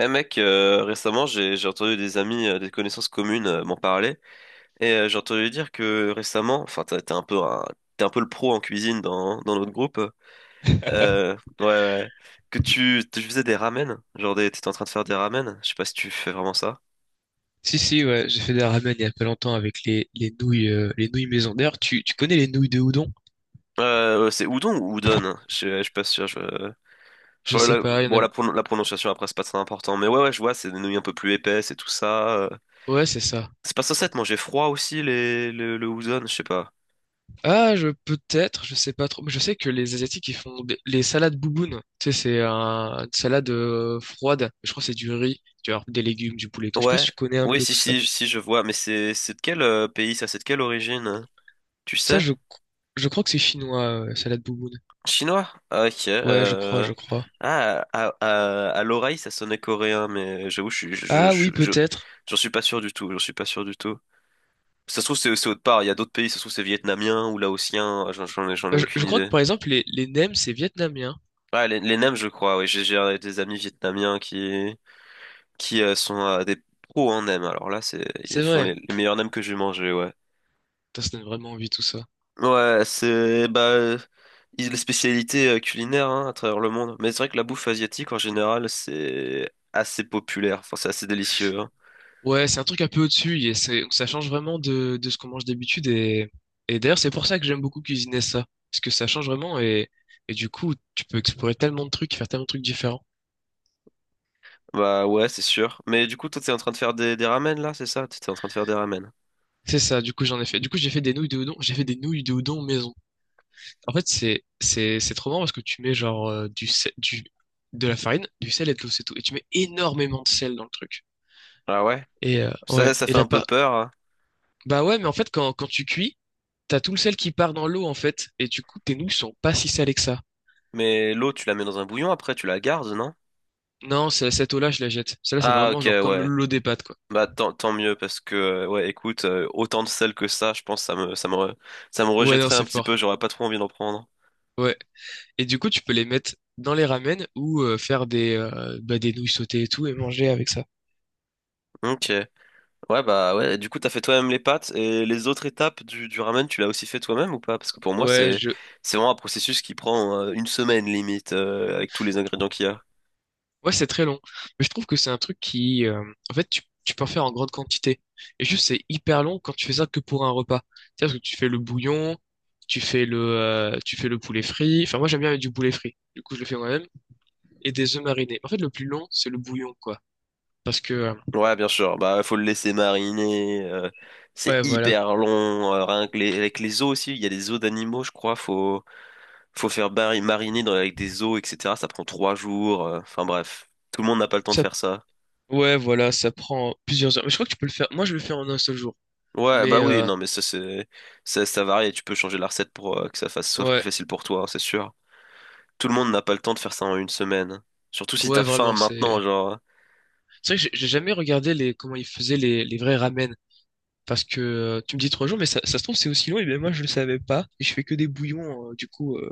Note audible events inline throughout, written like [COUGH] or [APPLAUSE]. Eh mec, récemment j'ai entendu des amis, des connaissances communes m'en parler et j'ai entendu dire que récemment, enfin t'es un peu le pro en cuisine dans notre groupe, [LAUGHS] ouais, ouais, ouais. Que tu faisais des ramen, genre t'étais en train de faire des ramen, je sais pas si tu fais vraiment ça. Si, si, ouais, j'ai fait des ramen il y a pas longtemps avec les nouilles, les nouilles maison. D'ailleurs, tu connais les nouilles de udon? Ouais, c'est udon ou udon, hein. Je suis pas sûr. Je Faut sais pas, il y bon, en a. La prononciation après c'est pas très important, mais ouais, ouais, je vois, c'est des nouilles un peu plus épaisses et tout ça. Ouais, c'est ça. C'est pas censé être manger froid aussi le udon, je sais pas. Ah, je peut-être, je sais pas trop, mais je sais que les Asiatiques ils font les salades bouboune. Tu sais, c'est une salade froide. Je crois que c'est du riz, tu vois, des légumes, du poulet, et tout. Je sais pas si Ouais, tu connais un oui, peu si, tout ça. si, si, je vois, mais c'est de quel pays ça? C'est de quelle origine, hein? Tu Ça, sais? Je crois que c'est chinois, salade bouboune. Chinois? Ah, ok. Ouais, je crois, je crois. Ah, à l'oreille, ça sonnait coréen, mais j'avoue, je, suis- Ah oui, je- peut-être. j'en suis pas sûr du tout. J'en suis pas sûr du tout. Ça se trouve, c'est autre part. Il y a d'autres pays, ça se trouve, c'est vietnamien ou laotien. Ah, J'en ai Euh, Je, aucune je crois que idée. par exemple les nems c'est vietnamien. Ouais, les nems, je crois. Oui, j'ai des amis vietnamiens qui sont des pros en nems. Alors là, ils C'est font vrai. les meilleurs nems que j'ai mangés, ouais. Putain, ça donne vraiment envie tout ça. Ouais, les spécialités culinaires, hein, à travers le monde. Mais c'est vrai que la bouffe asiatique en général c'est assez populaire. Enfin, c'est assez délicieux, hein. Ouais, c'est un truc un peu au-dessus et ça change vraiment de ce qu'on mange d'habitude et, d'ailleurs c'est pour ça que j'aime beaucoup cuisiner ça parce que ça change vraiment et du coup tu peux explorer tellement de trucs, faire tellement de trucs différents. Bah ouais, c'est sûr. Mais du coup, toi t'es en train de faire des ramen là, c'est ça? T'es en train de faire des ramen. C'est ça, du coup j'en ai fait. Du coup j'ai fait des nouilles de udon, j'ai fait des nouilles de udon maison. En fait c'est trop marrant parce que tu mets genre du sel, du de la farine, du sel et de l'eau c'est tout et tu mets énormément de sel dans le truc. Ah ouais. Et Ça, ça, ouais, ça et fait là un peu pas. peur, hein. Bah ouais, mais en fait quand tu cuis, t'as tout le sel qui part dans l'eau en fait et du coup tes nouilles sont pas si salées que ça. Mais l'eau, tu la mets dans un bouillon après, tu la gardes, non? Non, cette eau-là, je la jette. Celle-là, c'est Ah vraiment ok, genre comme ouais. l'eau des pâtes, quoi. Bah tant mieux, parce que ouais, écoute, autant de sel que ça, je pense ça me Ouais, non, rejetterait un c'est petit fort. peu, j'aurais pas trop envie d'en prendre. Ouais. Et du coup, tu peux les mettre dans les ramen ou faire des nouilles sautées et tout et manger avec ça. Ok, ouais, bah ouais, du coup t'as fait toi-même les pâtes, et les autres étapes du ramen, tu l'as aussi fait toi-même ou pas? Parce que pour moi, Ouais, c'est je... c'est vraiment un processus qui prend une semaine limite, avec tous les ingrédients qu'il y a. ouais, c'est très long. Mais je trouve que c'est un truc en fait, tu peux en faire en grande quantité. Et juste, c'est hyper long quand tu fais ça que pour un repas. C'est-à-dire que tu fais le bouillon, tu fais le poulet frit. Enfin, moi, j'aime bien avec du poulet frit. Du coup, je le fais moi-même. Et des œufs marinés. En fait, le plus long, c'est le bouillon, quoi. Parce que, Ouais, bien sûr. Bah, faut le laisser mariner, c'est ouais, voilà. hyper long. Rien que avec les os aussi, il y a des os d'animaux, je crois. Faut faire mariner avec des os, etc. Ça prend trois jours. Enfin bref, tout le monde n'a pas le temps de Ça faire ça. Ouais, voilà, ça prend plusieurs heures. Mais je crois que tu peux le faire. Moi, je le fais en un seul jour. Ouais, Mais bah oui, non, mais ça varie. Et tu peux changer la recette pour que ça fasse soit ouais, plus facile pour toi, hein, c'est sûr. Tout le monde n'a pas le temps de faire ça en une semaine. Surtout si ouais, t'as faim vraiment, c'est. maintenant, genre. C'est vrai que j'ai jamais regardé les comment ils faisaient les vrais ramen. Parce que tu me dis 3 jours, mais ça se trouve c'est aussi long. Et bien moi, je le savais pas. Et je fais que des bouillons du coup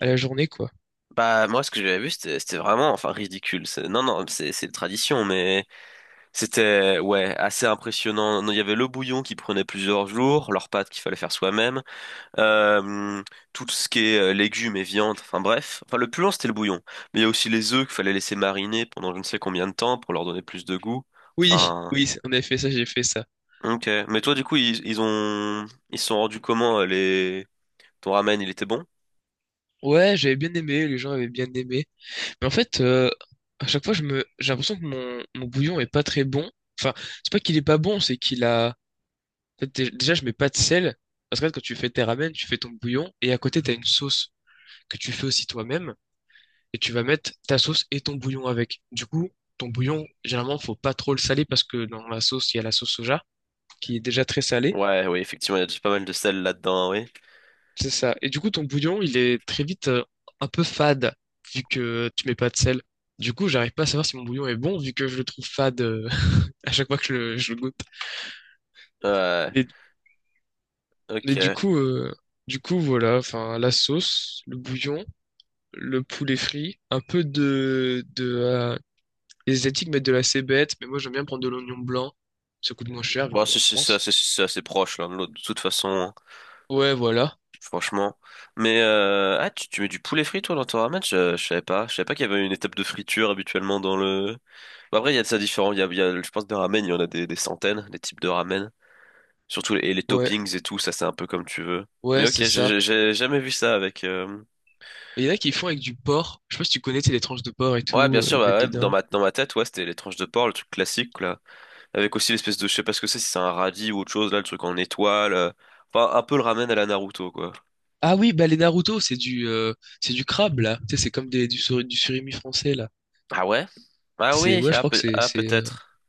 à la journée, quoi. Bah moi, ce que j'avais vu, c'était vraiment, enfin, ridicule. Non, non, c'est une tradition, mais. C'était, ouais, assez impressionnant. Non, il y avait le bouillon qui prenait plusieurs jours, leurs pâtes qu'il fallait faire soi-même, euh, tout ce qui est légumes et viande, enfin bref. Enfin, le plus long, c'était le bouillon. Mais il y a aussi les œufs qu'il fallait laisser mariner pendant je ne sais combien de temps pour leur donner plus de goût. Oui, Enfin, oui, on avait fait ça, j'ai fait ça. ok. Mais toi, du coup, ils se sont rendus comment, ton ramen, il était bon? Ouais, j'avais bien aimé. Les gens avaient bien aimé. Mais en fait, à chaque fois, j'ai l'impression que mon bouillon est pas très bon. Enfin, c'est pas qu'il est pas bon. C'est qu'il a En fait, déjà, je mets pas de sel. Parce que quand tu fais tes ramen, tu fais ton bouillon et à côté, t'as une sauce que tu fais aussi toi-même et tu vas mettre ta sauce et ton bouillon avec. Du coup, ton bouillon, généralement, faut pas trop le saler parce que dans la sauce, il y a la sauce soja qui est déjà très salée. Ouais, oui, effectivement, il y a déjà pas mal de sel là-dedans, oui. C'est ça. Et du coup, ton bouillon, il est très vite un peu fade vu que tu mets pas de sel. Du coup, j'arrive pas à savoir si mon bouillon est bon vu que je le trouve fade [LAUGHS] à chaque fois que je le goûte. Ouais, Mais, mais du ok. coup, euh, du coup, voilà, enfin, la sauce, le bouillon, le poulet frit, un peu de les Asiatiques mettent de la cébette, mais moi j'aime bien prendre de l'oignon blanc. Ça coûte moins cher vu Bon, qu'on est en ça France. c'est assez proche l'un de l'autre, de toute façon, Ouais, voilà. franchement. Mais ah, tu mets du poulet frit toi dans ton ramen? Je savais pas. Je savais pas qu'il y avait une étape de friture habituellement dans le. Bon, après, il y a de ça différent. Je pense, des ramen, il y en a des centaines, des types de ramen. Surtout et les Ouais, toppings et tout, ça c'est un peu comme tu veux. ouais, Mais c'est ok, ça. j'ai jamais vu ça avec. Il y en a qui font avec du porc. Je sais pas si tu connais, c'est les tranches de porc et Ouais, tout, bien sûr, ils bah mettent ouais, dans dedans. ma, dans ma tête, ouais, c'était les tranches de porc, le truc classique, là. Avec aussi l'espèce de, je sais pas ce que c'est, si c'est un radis ou autre chose, là, le truc en étoile. Enfin, un peu le ramen à la Naruto, quoi. Ah oui, bah les Naruto, c'est du crabe là. Tu sais, c'est comme du surimi français là. Ah ouais? Ah C'est oui, Ouais, je ah, crois que c'est peut-être.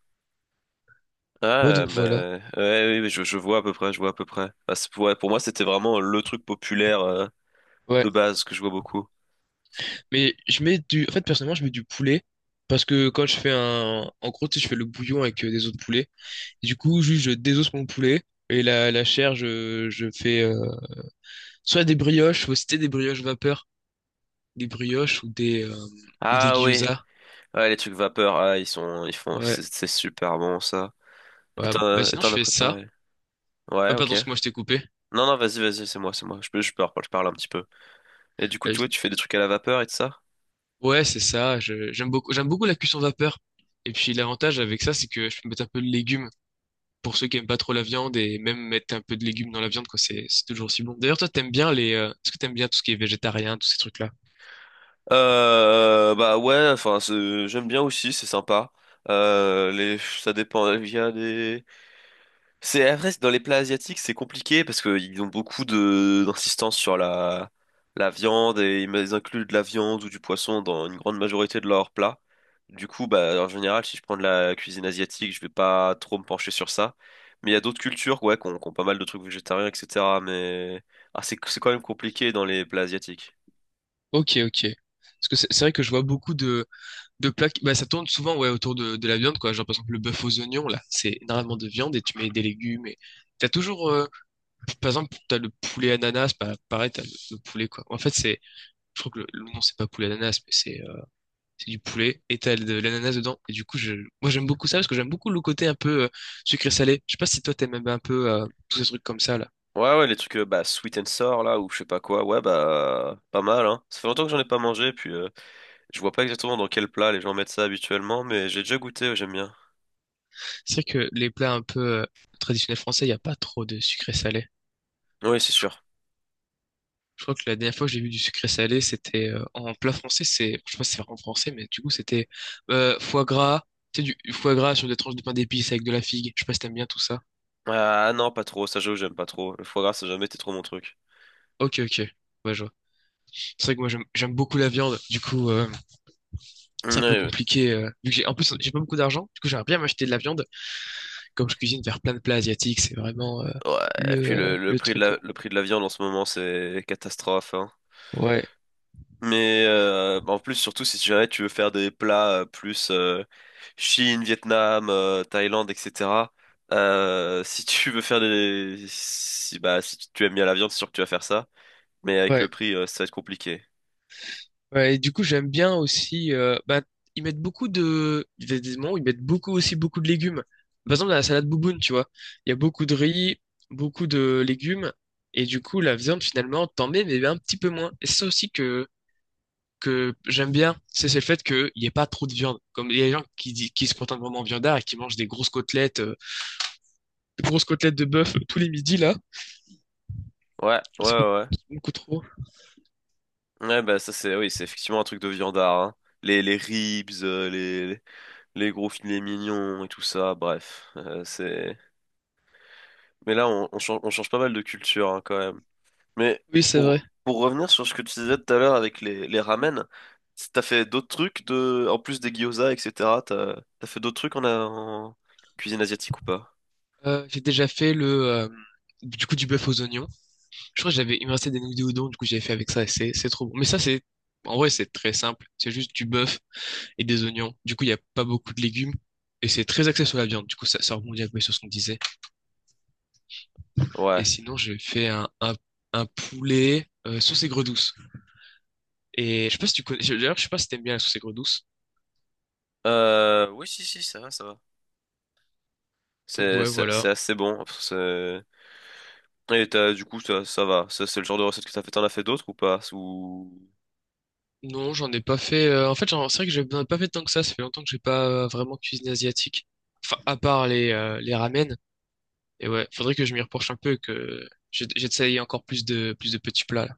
ouais Ah, donc voilà. ben, ouais, oui, je vois à peu près, je vois à peu près. Bah, ouais, pour moi, c'était vraiment le truc populaire Ouais, de base que je vois beaucoup. mais je mets du en fait personnellement, je mets du poulet parce que quand je fais un en gros, tu sais, je fais le bouillon avec des os de poulet. Du coup, juste je désosse mon poulet et la chair, je fais soit des brioches, faut citer des brioches vapeur, des brioches ou des Ah oui, gyoza. ouais, les trucs vapeur, ah, ils font, Ouais. c'est super bon ça. Et Ouais. t'en Bah as et sinon je t'en as fais ça. préparé? Ouais, ok. Pardon, ce que moi je t'ai coupé. Non, non, vas-y, vas-y, c'est moi, c'est moi. Je peux, je peux, je parle un petit peu. Et du coup, Euh, tu je- vois, tu fais des trucs à la vapeur et tout ça? ouais, c'est ça. J'aime beaucoup la cuisson vapeur. Et puis l'avantage avec ça, c'est que je peux mettre un peu de légumes pour ceux qui aiment pas trop la viande et même mettre un peu de légumes dans la viande quoi, c'est toujours aussi bon. D'ailleurs, toi t'aimes bien les est-ce que t'aimes bien tout ce qui est végétarien, tous ces trucs-là? Bah ouais, enfin, j'aime bien aussi, c'est sympa. Ça dépend. Il y a des, C'est après, dans les plats asiatiques, c'est compliqué parce qu'ils ont beaucoup de d'insistance sur la viande, et ils incluent de la viande ou du poisson dans une grande majorité de leurs plats. Du coup, bah en général, si je prends de la cuisine asiatique, je vais pas trop me pencher sur ça. Mais il y a d'autres cultures, ouais, qui ont pas mal de trucs végétariens, etc. Mais ah, c'est quand même compliqué dans les plats asiatiques. Ok, ok. Parce que c'est vrai que je vois beaucoup de plaques, bah, ça tourne souvent ouais, autour de la viande, quoi. Genre, par exemple, le bœuf aux oignons, là, c'est énormément de viande et tu mets des légumes. Et... T'as toujours, par exemple, t'as le poulet ananas, bah, pareil, t'as le poulet, quoi. En fait, je crois que le nom, c'est pas poulet ananas, mais c'est du poulet et t'as de l'ananas dedans. Et du coup, moi, j'aime beaucoup ça parce que j'aime beaucoup le côté un peu sucré-salé. Je sais pas si toi, t'aimes un peu tous ces trucs comme ça, là. Ouais, ouais, les trucs, bah sweet and sour là, ou je sais pas quoi, ouais, bah pas mal, hein. Ça fait longtemps que j'en ai pas mangé, puis. Je vois pas exactement dans quel plat les gens mettent ça habituellement, mais j'ai déjà goûté, j'aime bien. C'est vrai que les plats un peu traditionnels français, il n'y a pas trop de sucré-salé. Oui, c'est sûr. Je crois que la dernière fois que j'ai vu du sucré salé, c'était en plat français. Je sais pas si c'est en français, mais du coup, c'était foie gras. Tu sais, du foie gras sur des tranches de pain d'épices avec de la figue. Je sais pas si t'aimes bien tout ça. Ah non, pas trop, ça j'avoue, j'aime pas trop. Le foie gras, ça a jamais été trop mon truc. Ok, ok. Ouais, je vois. C'est vrai que moi, j'aime beaucoup la viande. Du coup, Oui, c'est un peu oui. compliqué. Vu que en plus, j'ai pas beaucoup d'argent. Du coup, j'aimerais bien m'acheter de la viande. Comme je cuisine vers plein de plats asiatiques, c'est vraiment Ouais, et le, puis euh, le, le le prix de truc, quoi. la, le prix de la viande en ce moment, c'est catastrophe, hein. Ouais. Mais en plus, surtout si jamais tu veux faire des plats plus, Chine, Vietnam, Thaïlande, etc. [LAUGHS] Si tu veux faire des... Si, Bah, si tu aimes bien la viande, c'est sûr que tu vas faire ça. Mais avec le Ouais. prix, ça va être compliqué. Ouais, et du coup, j'aime bien aussi. Bah, ils mettent beaucoup de. Il y a des moments où ils mettent beaucoup aussi beaucoup de légumes. Par exemple, dans la salade bouboune, tu vois. Il y a beaucoup de riz, beaucoup de légumes. Et du coup, la viande, finalement, t'en mets, mais un petit peu moins. Et c'est ça aussi que j'aime bien. C'est le fait qu'il n'y ait pas trop de viande. Comme il y a des gens qui se contentent vraiment de viandard et qui mangent des grosses côtelettes de bœuf tous les midis, là. Ouais, ouais, ouais. C'est beaucoup trop. Ouais, bah ça c'est oui, c'est effectivement un truc de viandard, hein. Les ribs, les gros filets mignons et tout ça, bref. Mais là, on change pas mal de culture, hein, quand même. Mais Oui, c'est vrai. pour revenir sur ce que tu disais tout à l'heure avec les ramen, t'as fait d'autres trucs en plus des gyoza, etc. T'as fait d'autres trucs en cuisine asiatique ou pas? J'ai déjà fait le. Du coup, du bœuf aux oignons. Je crois que il me restait des nouilles de udon, du coup j'avais fait avec ça et c'est trop bon. Mais ça, c'est, en vrai, c'est très simple. C'est juste du bœuf et des oignons. Du coup, il n'y a pas beaucoup de légumes et c'est très axé sur la viande. Du coup, ça rebondit un peu sur ce qu'on disait. Et Ouais. sinon, j'ai fait un poulet sauce aigre douce. Et je sais pas si tu connais, d'ailleurs, je sais pas si t'aimes bien la sauce aigre douce. Oui, si, si, ça va, ça va. Donc C'est, ouais, c'est, c'est voilà. assez bon. Et du coup, ça va. Ça, c'est le genre de recette que t'as fait. T'en as fait d'autres ou pas? Non, j'en ai pas fait. En fait, c'est vrai que j'en ai pas fait tant que ça. Ça fait longtemps que j'ai pas vraiment cuisiné asiatique. Enfin, à part les ramen. Et ouais, faudrait que je m'y reproche un peu, que j'essaye encore plus de petits plats, là.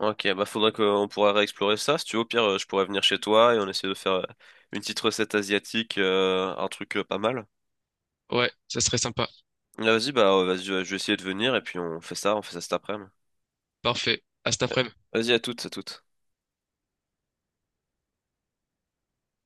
Ok, bah faudrait qu'on pourra réexplorer ça. Si tu veux, au pire, je pourrais venir chez toi et on essaie de faire une petite recette asiatique, un truc pas mal. Ouais, ça serait sympa. Ah, vas-y, bah vas-y, je vais essayer de venir et puis on fait ça cet après-midi. Parfait. À cet après-midi. Vas-y, à toutes, à toutes.